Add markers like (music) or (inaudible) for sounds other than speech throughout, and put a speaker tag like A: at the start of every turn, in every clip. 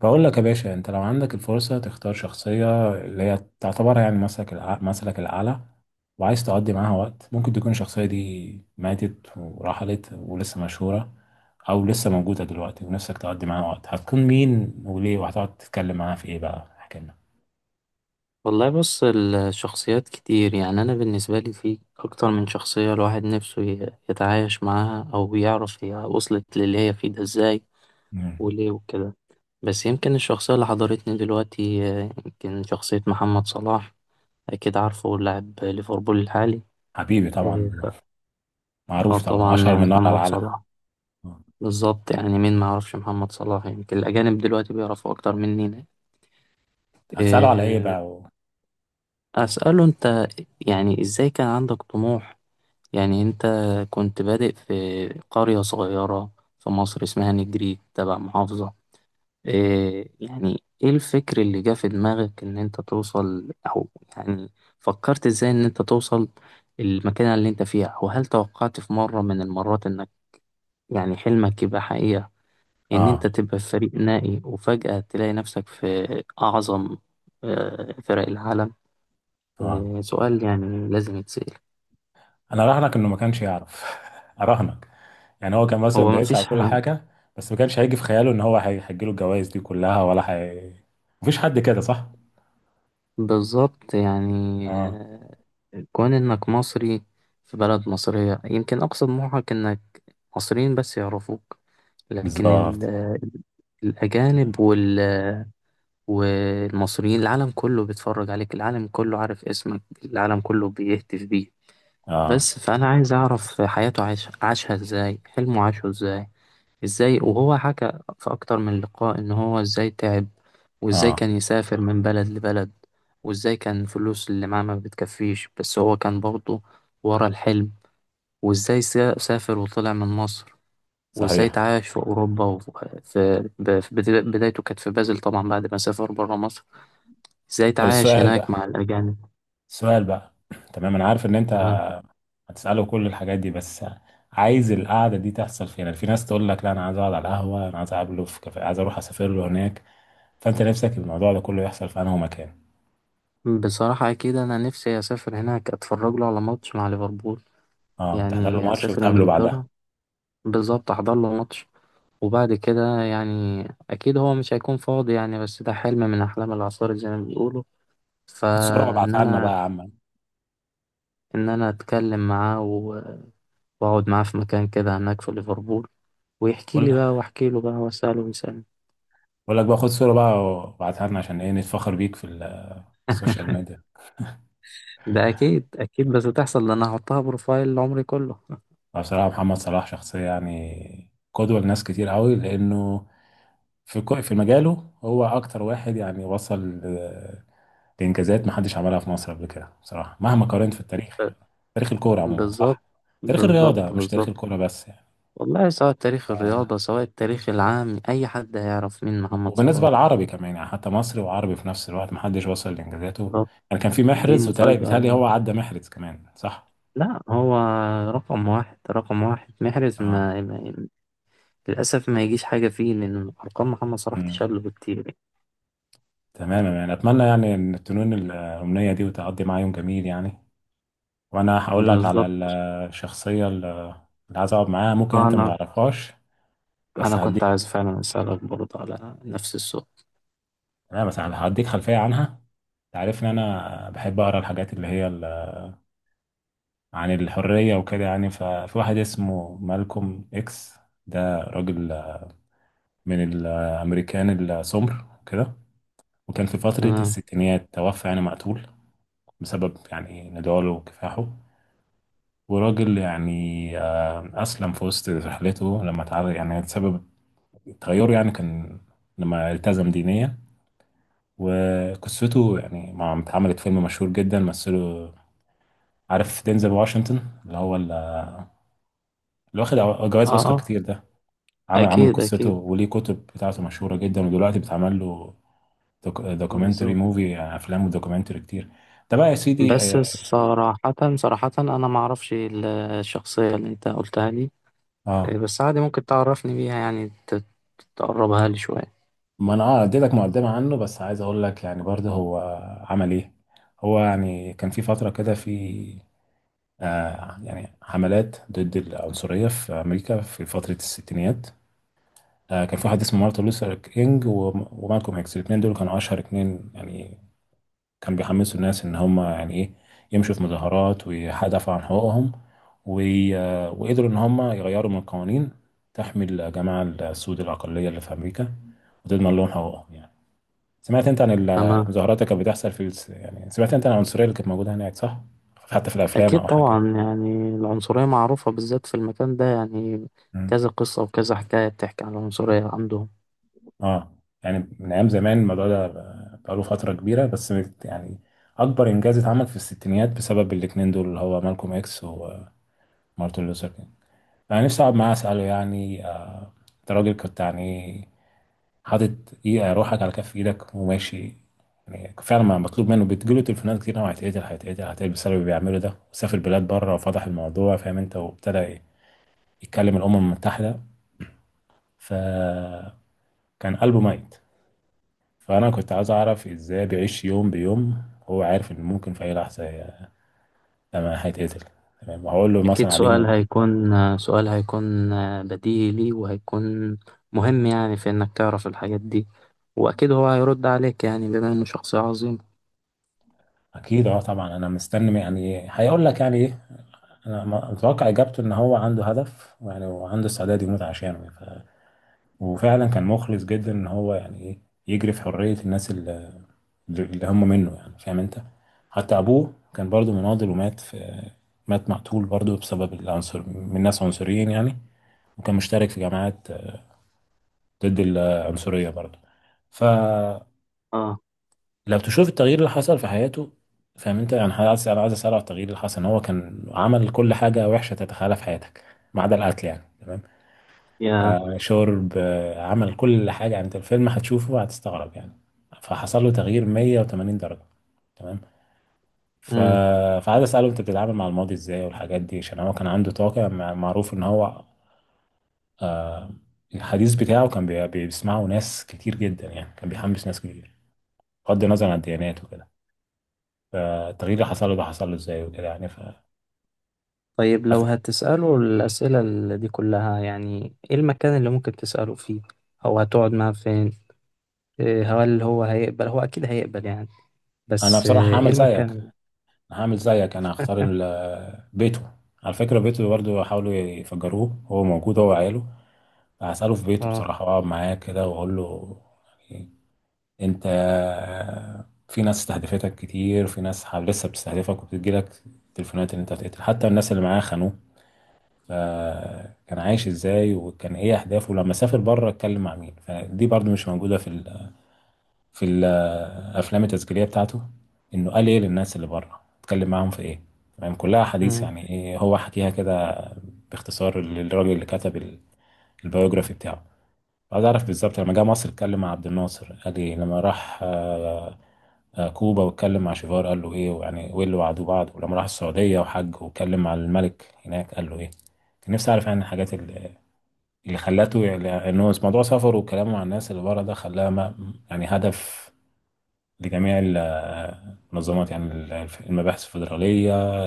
A: بقول لك يا باشا، انت لو عندك الفرصة تختار شخصية اللي هي تعتبر يعني مثلك الأعلى، وعايز تقضي معاها وقت. ممكن تكون الشخصية دي ماتت ورحلت ولسه مشهورة، أو لسه موجودة دلوقتي، ونفسك تقضي معاها وقت. هتكون مين وليه، وهتقعد تتكلم معاها في إيه؟ بقى احكي لنا.
B: والله، بص الشخصيات كتير. يعني أنا بالنسبة لي في أكتر من شخصية الواحد نفسه يتعايش معاها، أو يعرف هي وصلت للي هي فيه ده إزاي
A: مم.
B: وليه وكده. بس يمكن الشخصية اللي حضرتني دلوقتي يمكن شخصية محمد صلاح. أكيد عارفه، لاعب ليفربول الحالي.
A: حبيبي
B: إيه
A: طبعا.
B: اه،
A: معروف طبعا،
B: طبعا
A: أشهر
B: يعني
A: من نار على
B: محمد
A: العالم.
B: صلاح.
A: آه.
B: بالظبط، يعني مين ما يعرفش محمد صلاح؟ يمكن الأجانب دلوقتي بيعرفوا أكتر مننا.
A: هتسأله على إيه
B: إيه،
A: بقى
B: أسأله أنت، يعني إزاي كان عندك طموح. يعني أنت كنت بادئ في قرية صغيرة في مصر اسمها نجريج، تبع محافظة إيه. يعني إيه الفكر اللي جه في دماغك إن أنت توصل، أو يعني فكرت إزاي إن أنت توصل المكان اللي أنت فيها؟ وهل توقعت في مرة من المرات إنك يعني حلمك يبقى حقيقة، إن
A: آه،
B: أنت تبقى في فريق نائي وفجأة تلاقي نفسك في أعظم فرق العالم؟
A: آه،
B: سؤال يعني لازم يتسأل.
A: أنا أراهنك إنه ما كانش يعرف. (laughs) أراهنك. يعني هو كان مثلا
B: هو
A: بيسعى
B: مفيش
A: وكل حاجة، بس ما كانش هيجي في خياله ان هو هيجيله الجوائز دي كلها، ولا هي. مفيش حد كده، صح؟
B: بالظبط، يعني
A: اه،
B: كون انك مصري في بلد مصرية يمكن اقصى طموحك انك مصريين بس يعرفوك. لكن
A: بالظبط.
B: الاجانب والمصريين، العالم كله بيتفرج عليك، العالم كله عارف اسمك، العالم كله بيهتف بيه.
A: اه.
B: بس فانا عايز اعرف حياته، عاشها ازاي، حلمه عاشه ازاي. ازاي، وهو حكى في اكتر من لقاء ان هو ازاي تعب، وازاي
A: اه.
B: كان يسافر من بلد لبلد، وازاي كان الفلوس اللي معاه ما بتكفيش، بس هو كان برضه ورا الحلم. وازاي سافر وطلع من مصر، وازاي
A: صحيح.
B: تعايش في اوروبا، وفي بدايته كانت في بازل، طبعا بعد ما سافر بره مصر. ازاي
A: طب
B: تعايش
A: السؤال
B: هناك مع
A: بقى
B: الاجانب؟
A: السؤال بقى تمام انا عارف ان انت
B: تمام.
A: هتسأله كل الحاجات دي، بس عايز القعدة دي تحصل فين؟ يعني في ناس تقول لك لا، انا عايز اقعد على القهوة، انا عايز اقابله في كافيه، عايز اروح اسافر له هناك. فانت نفسك الموضوع ده كله يحصل في انهي مكان؟
B: بصراحة اكيد انا نفسي اسافر هناك، اتفرج له على ماتش مع ليفربول.
A: اه، تحضر له
B: يعني
A: ماتش
B: اسافر
A: وتقابله بعدها.
B: انجلترا، بالظبط احضر له ماتش. وبعد كده، يعني أكيد هو مش هيكون فاضي، يعني بس ده حلم من أحلام العصار زي ما بيقولوا.
A: خد صورة
B: فإن
A: وابعتها لنا بقى يا
B: أنا
A: عم.
B: إن أنا أتكلم معاه وأقعد معاه في مكان كده هناك في ليفربول، ويحكي لي
A: قول.
B: بقى وأحكي له بقى، وأسأله ويسألني.
A: بقول لك بقى، خد صورة بقى وابعتها لنا عشان ايه نتفخر بيك في في السوشيال
B: (laughs)
A: ميديا.
B: ده أكيد أكيد بس تحصل، لأن هحطها بروفايل عمري كله.
A: أنا بصراحة محمد صلاح شخصية يعني قدوة لناس كتير قوي، لأنه في في مجاله هو أكتر واحد يعني وصل لإنجازات محدش عملها في مصر قبل كده بصراحة، مهما قارنت في التاريخ،
B: ب-
A: يعني تاريخ الكورة عموما،
B: بالظبط
A: صح؟ تاريخ الرياضة
B: بالظبط
A: مش تاريخ
B: بالظبط.
A: الكورة بس يعني.
B: والله، سواء تاريخ الرياضة سواء التاريخ العام، أي حد هيعرف مين محمد
A: وبالنسبة
B: صلاح.
A: للعربي كمان يعني، حتى مصري وعربي في نفس الوقت محدش وصل لإنجازاته.
B: بالظبط.
A: يعني كان في
B: دي
A: محرز، وتلاقي
B: مفاجأة؟
A: بيتهيألي هو عدى محرز كمان، صح؟
B: لا، هو رقم واحد، رقم واحد. محرز
A: اه.
B: ما للأسف ما يجيش حاجة فيه، لأن أرقام محمد صلاح تشل بكتير يعني.
A: تمام، يعني اتمنى يعني ان تنون الامنيه دي وتقضي معايا يوم جميل يعني. وانا هقول لك على
B: بالظبط.
A: الشخصيه اللي عايز اقعد معاها، ممكن انت ما
B: أنا
A: تعرفهاش
B: أنا
A: بس
B: كنت
A: هديك.
B: عايز فعلا أسألك برضه على نفس السؤال.
A: تمام، بس هديك خلفيه عنها. تعرف ان انا بحب اقرا الحاجات اللي هي عن الحريه وكده يعني. ففي واحد اسمه مالكوم اكس، ده راجل من الامريكان السمر كده، وكان في فتره
B: تمام.
A: الستينيات توفى يعني مقتول بسبب يعني نضاله وكفاحه. وراجل يعني، أسلم في وسط رحلته لما اتعرض، يعني سبب تغيره يعني كان لما التزم دينيا. وقصته يعني مع اتعملت فيلم مشهور جدا مثله، عارف دينزل واشنطن اللي هو اللي واخد
B: أه،
A: جوائز أوسكار
B: أه،
A: كتير ده. عمل
B: أكيد
A: قصته،
B: أكيد،
A: وليه كتب بتاعته مشهورة جدا، ودلوقتي بتعمل له دوكيومنتري
B: بالظبط.
A: موفي، يعني أفلام ودوكيومنتري كتير. ده بقى يا سيدي.
B: بس
A: اه.
B: صراحة صراحة أنا ما أعرفش الشخصية اللي أنت قلتها لي.
A: آه.
B: بس عادي، ممكن تعرفني بيها يعني، تقربها لي شوية.
A: ما انا اديتك مقدمه عنه، بس عايز اقول لك يعني برضه هو عمل ايه. هو يعني كان في فتره كده، في يعني حملات ضد العنصريه في امريكا في فتره الستينيات. كان في واحد اسمه مارتن لوثر كينج ومالكوم اكس، الاثنين دول كانوا اشهر اثنين يعني. كانوا بيحمسوا الناس ان هم يعني ايه يمشوا في مظاهرات ويدافعوا عن حقوقهم، وقدروا ان هم يغيروا من القوانين تحمي الجماعه السود، الاقليه اللي في امريكا، وتضمن لهم حقوقهم يعني. سمعت انت عن
B: تمام.
A: المظاهرات اللي كانت بتحصل في يعني سمعت انت عن العنصريه اللي كانت موجوده هناك، صح؟ حتى في الافلام
B: أكيد
A: او حاجه
B: طبعا،
A: كده.
B: يعني العنصرية معروفة بالذات في المكان ده يعني.
A: مم.
B: كذا قصة وكذا حكاية بتحكي عن العنصرية عندهم.
A: اه. يعني من ايام زمان الموضوع ده بقاله فتره كبيره، بس يعني اكبر انجاز اتعمل في الستينيات بسبب الاتنين دول، اللي هو مالكوم اكس ومارتن لوثر كينج. انا نفسي اقعد معاه اساله يعني، انت راجل كنت يعني حاطط، ايه، روحك على كف ايدك وماشي. يعني فعلا ما مطلوب منه، بتجيله تليفونات كتير قوي، هيتقتل هيتقتل هيتقتل، بسبب اللي بيعمله ده، وسافر بلاد بره وفتح الموضوع، فاهم انت، وابتدى يتكلم الامم المتحده. فكان قلبه ميت. فانا كنت عايز اعرف ازاي بيعيش يوم بيوم، هو عارف ان ممكن في اي لحظه لما هيتقتل. تمام، وهقول له مثلا
B: أكيد
A: على اليوم.
B: سؤال هيكون، سؤال هيكون بديهي ليه، وهيكون مهم يعني، في إنك تعرف الحاجات دي. وأكيد هو هيرد عليك يعني، بما إنه شخص عظيم.
A: اكيد اه، طبعا انا مستني يعني هيقول لك يعني ايه. انا متوقع اجابته ان هو عنده هدف يعني، وعنده استعداد يموت عشانه. وفعلا كان مخلص جدا ان هو يعني ايه يجري في حرية الناس اللي هم منه، يعني فاهم انت. حتى ابوه كان برضو مناضل ومات في مات مقتول برضو بسبب العنصر، من ناس عنصريين يعني، وكان مشترك في جماعات ضد العنصرية برضو. فلو
B: آه.
A: تشوف التغيير اللي حصل في حياته، فاهم انت، يعني انا عايز اسأله على التغيير اللي حصل. ان هو كان عمل كل حاجة وحشة تتخيلها في حياتك ما عدا القتل، يعني تمام؟
B: يا
A: شرب، عمل كل حاجة، يعني انت الفيلم هتشوفه هتستغرب يعني. فحصل له تغيير 180 درجة. تمام. ف...
B: مم.
A: فعايز اسأله انت بتتعامل مع الماضي ازاي والحاجات دي، عشان هو كان عنده طاقة، معروف ان هو الحديث بتاعه كان بيسمعه ناس كتير جدا، يعني كان بيحمس ناس كتير بغض النظر عن الديانات وكده. فالتغيير اللي حصل له ده حصل له ازاي وكده، يعني
B: طيب، لو هتسأله الأسئلة اللي دي كلها، يعني إيه المكان اللي ممكن تسأله فيه، أو هتقعد معاه فين؟ إيه، هل هو هيقبل؟ هو أكيد هيقبل يعني.
A: انا
B: بس
A: بصراحة
B: ايه
A: هعمل زيك
B: المكان.
A: هعمل زيك انا هختار بيته. على فكرة بيته برضه حاولوا يفجروه، هو موجود هو وعياله. هسأله في بيته
B: اه.
A: بصراحة، وأقعد معاه كده وأقول له: يعني أنت، في ناس استهدفتك كتير، في ناس لسه بتستهدفك وبتجيلك تليفونات إن أنت هتقتل، حتى الناس اللي معاه خانوه. فكان عايش إزاي، وكان إيه أهدافه لما سافر بره، اتكلم مع مين، فدي برضو مش موجودة في في الأفلام التسجيلية بتاعته، إنه قال إيه للناس اللي بره، اتكلم معاهم في إيه، يعني كلها حديث.
B: مم.
A: يعني إيه هو حكيها كده باختصار للراجل اللي كتب البيوجرافي بتاعه. عايز اعرف بالظبط لما جه مصر اتكلم مع عبد الناصر قال ايه، لما راح كوبا واتكلم مع شيفار قال له ايه، ويعني وايه اللي وعدوه بعض، ولما راح السعودية وحج واتكلم مع الملك هناك قال له ايه. كان نفسي اعرف يعني الحاجات اللي خلاته، يعني ان هو موضوع سفره وكلامه مع الناس اللي بره ده خلاه ما يعني هدف لجميع منظمات، يعني المباحث الفيدرالية.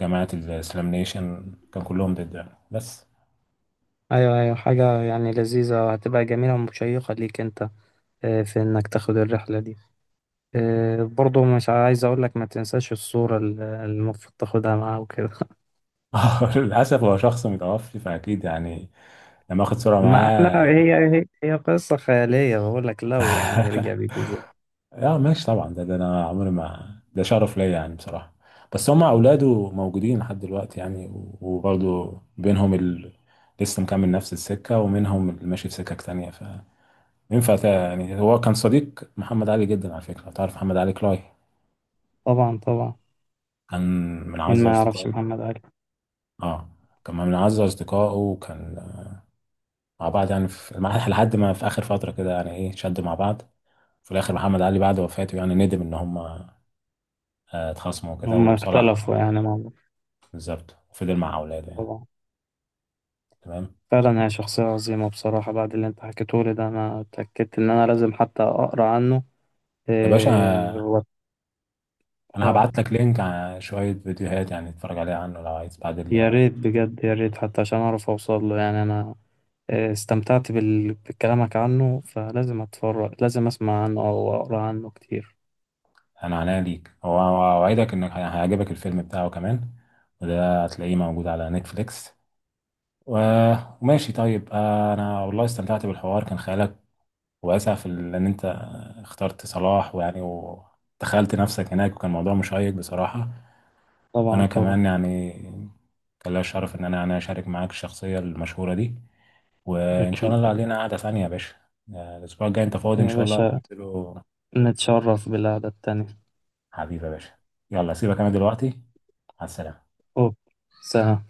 A: جماعة الإسلام نيشن كان كلهم ضد يعني، بس.
B: ايوه، ايوه، حاجة يعني لذيذة وهتبقى جميلة ومشيقة ليك انت، في انك تاخد الرحلة دي. برضو مش عايز اقول لك، ما تنساش الصورة المفروض تاخدها معاه وكده. (laughs)
A: (laughs) للأسف هو شخص متوفي، فأكيد يعني لما اخد صورة
B: ما احنا،
A: معاه.
B: هي قصة خيالية، بقول لك لو يعني رجع
A: اه.
B: بيك ازاي.
A: ماشي طبعا، ده انا عمري ما، ده شرف ليا يعني بصراحه. بس هم اولاده موجودين لحد دلوقتي يعني، وبرضه بينهم لسه مكمل نفس السكه، ومنهم اللي ماشي في سكك تانية. فينفع يعني هو كان صديق محمد علي جدا، على فكره تعرف محمد علي كلاي؟
B: طبعا طبعا.
A: كان من
B: مين
A: اعز
B: ما يعرفش
A: اصدقائه.
B: محمد علي؟
A: اه، كان من اعز اصدقائه، وكان مع بعض يعني، في لحد ما في اخر فتره كده، يعني ايه، شدوا مع بعض. في الاخر محمد علي بعد وفاته يعني ندم ان هم اتخاصموا كده،
B: هم
A: وصلح.
B: اختلفوا يعني مع بعض.
A: بالظبط، وفضل مع اولاده يعني.
B: طبعا.
A: تمام
B: فعلا هي شخصية عظيمة بصراحة. بعد اللي انت حكيته لي ده، انا اتأكدت ان انا لازم حتى اقرا عنه.
A: يا
B: إيه
A: باشا،
B: هو؟
A: انا
B: اه،
A: هبعت لك لينك على شويه فيديوهات يعني تتفرج عليها عنه لو عايز، بعد
B: يا ريت بجد، يا ريت، حتى عشان اعرف اوصل له يعني. انا استمتعت بكلامك عنه، فلازم اتفرج، لازم اسمع عنه او اقرا عنه كتير.
A: انا عناية ليك. هو اوعدك انك هيعجبك الفيلم بتاعه كمان، وده هتلاقيه موجود على نتفليكس و... وماشي طيب، انا والله استمتعت بالحوار، كان خيالك واسع في ان انت اخترت صلاح، ويعني ودخلت نفسك هناك، وكان موضوع مشيق بصراحه.
B: طبعا
A: وانا كمان
B: طبعا.
A: يعني كان ليا الشرف ان انا يعني اشارك معاك الشخصيه المشهوره دي. وان شاء
B: اكيد.
A: الله علينا قعده ثانيه يا باشا. الاسبوع الجاي انت فاضي ان
B: يا
A: شاء الله
B: باشا،
A: ننزله.
B: نتشرف بالقعدة التانية.
A: حبيبي يا باشا، يلا سيبك انا دلوقتي. مع السلامه.
B: اوه. سلام.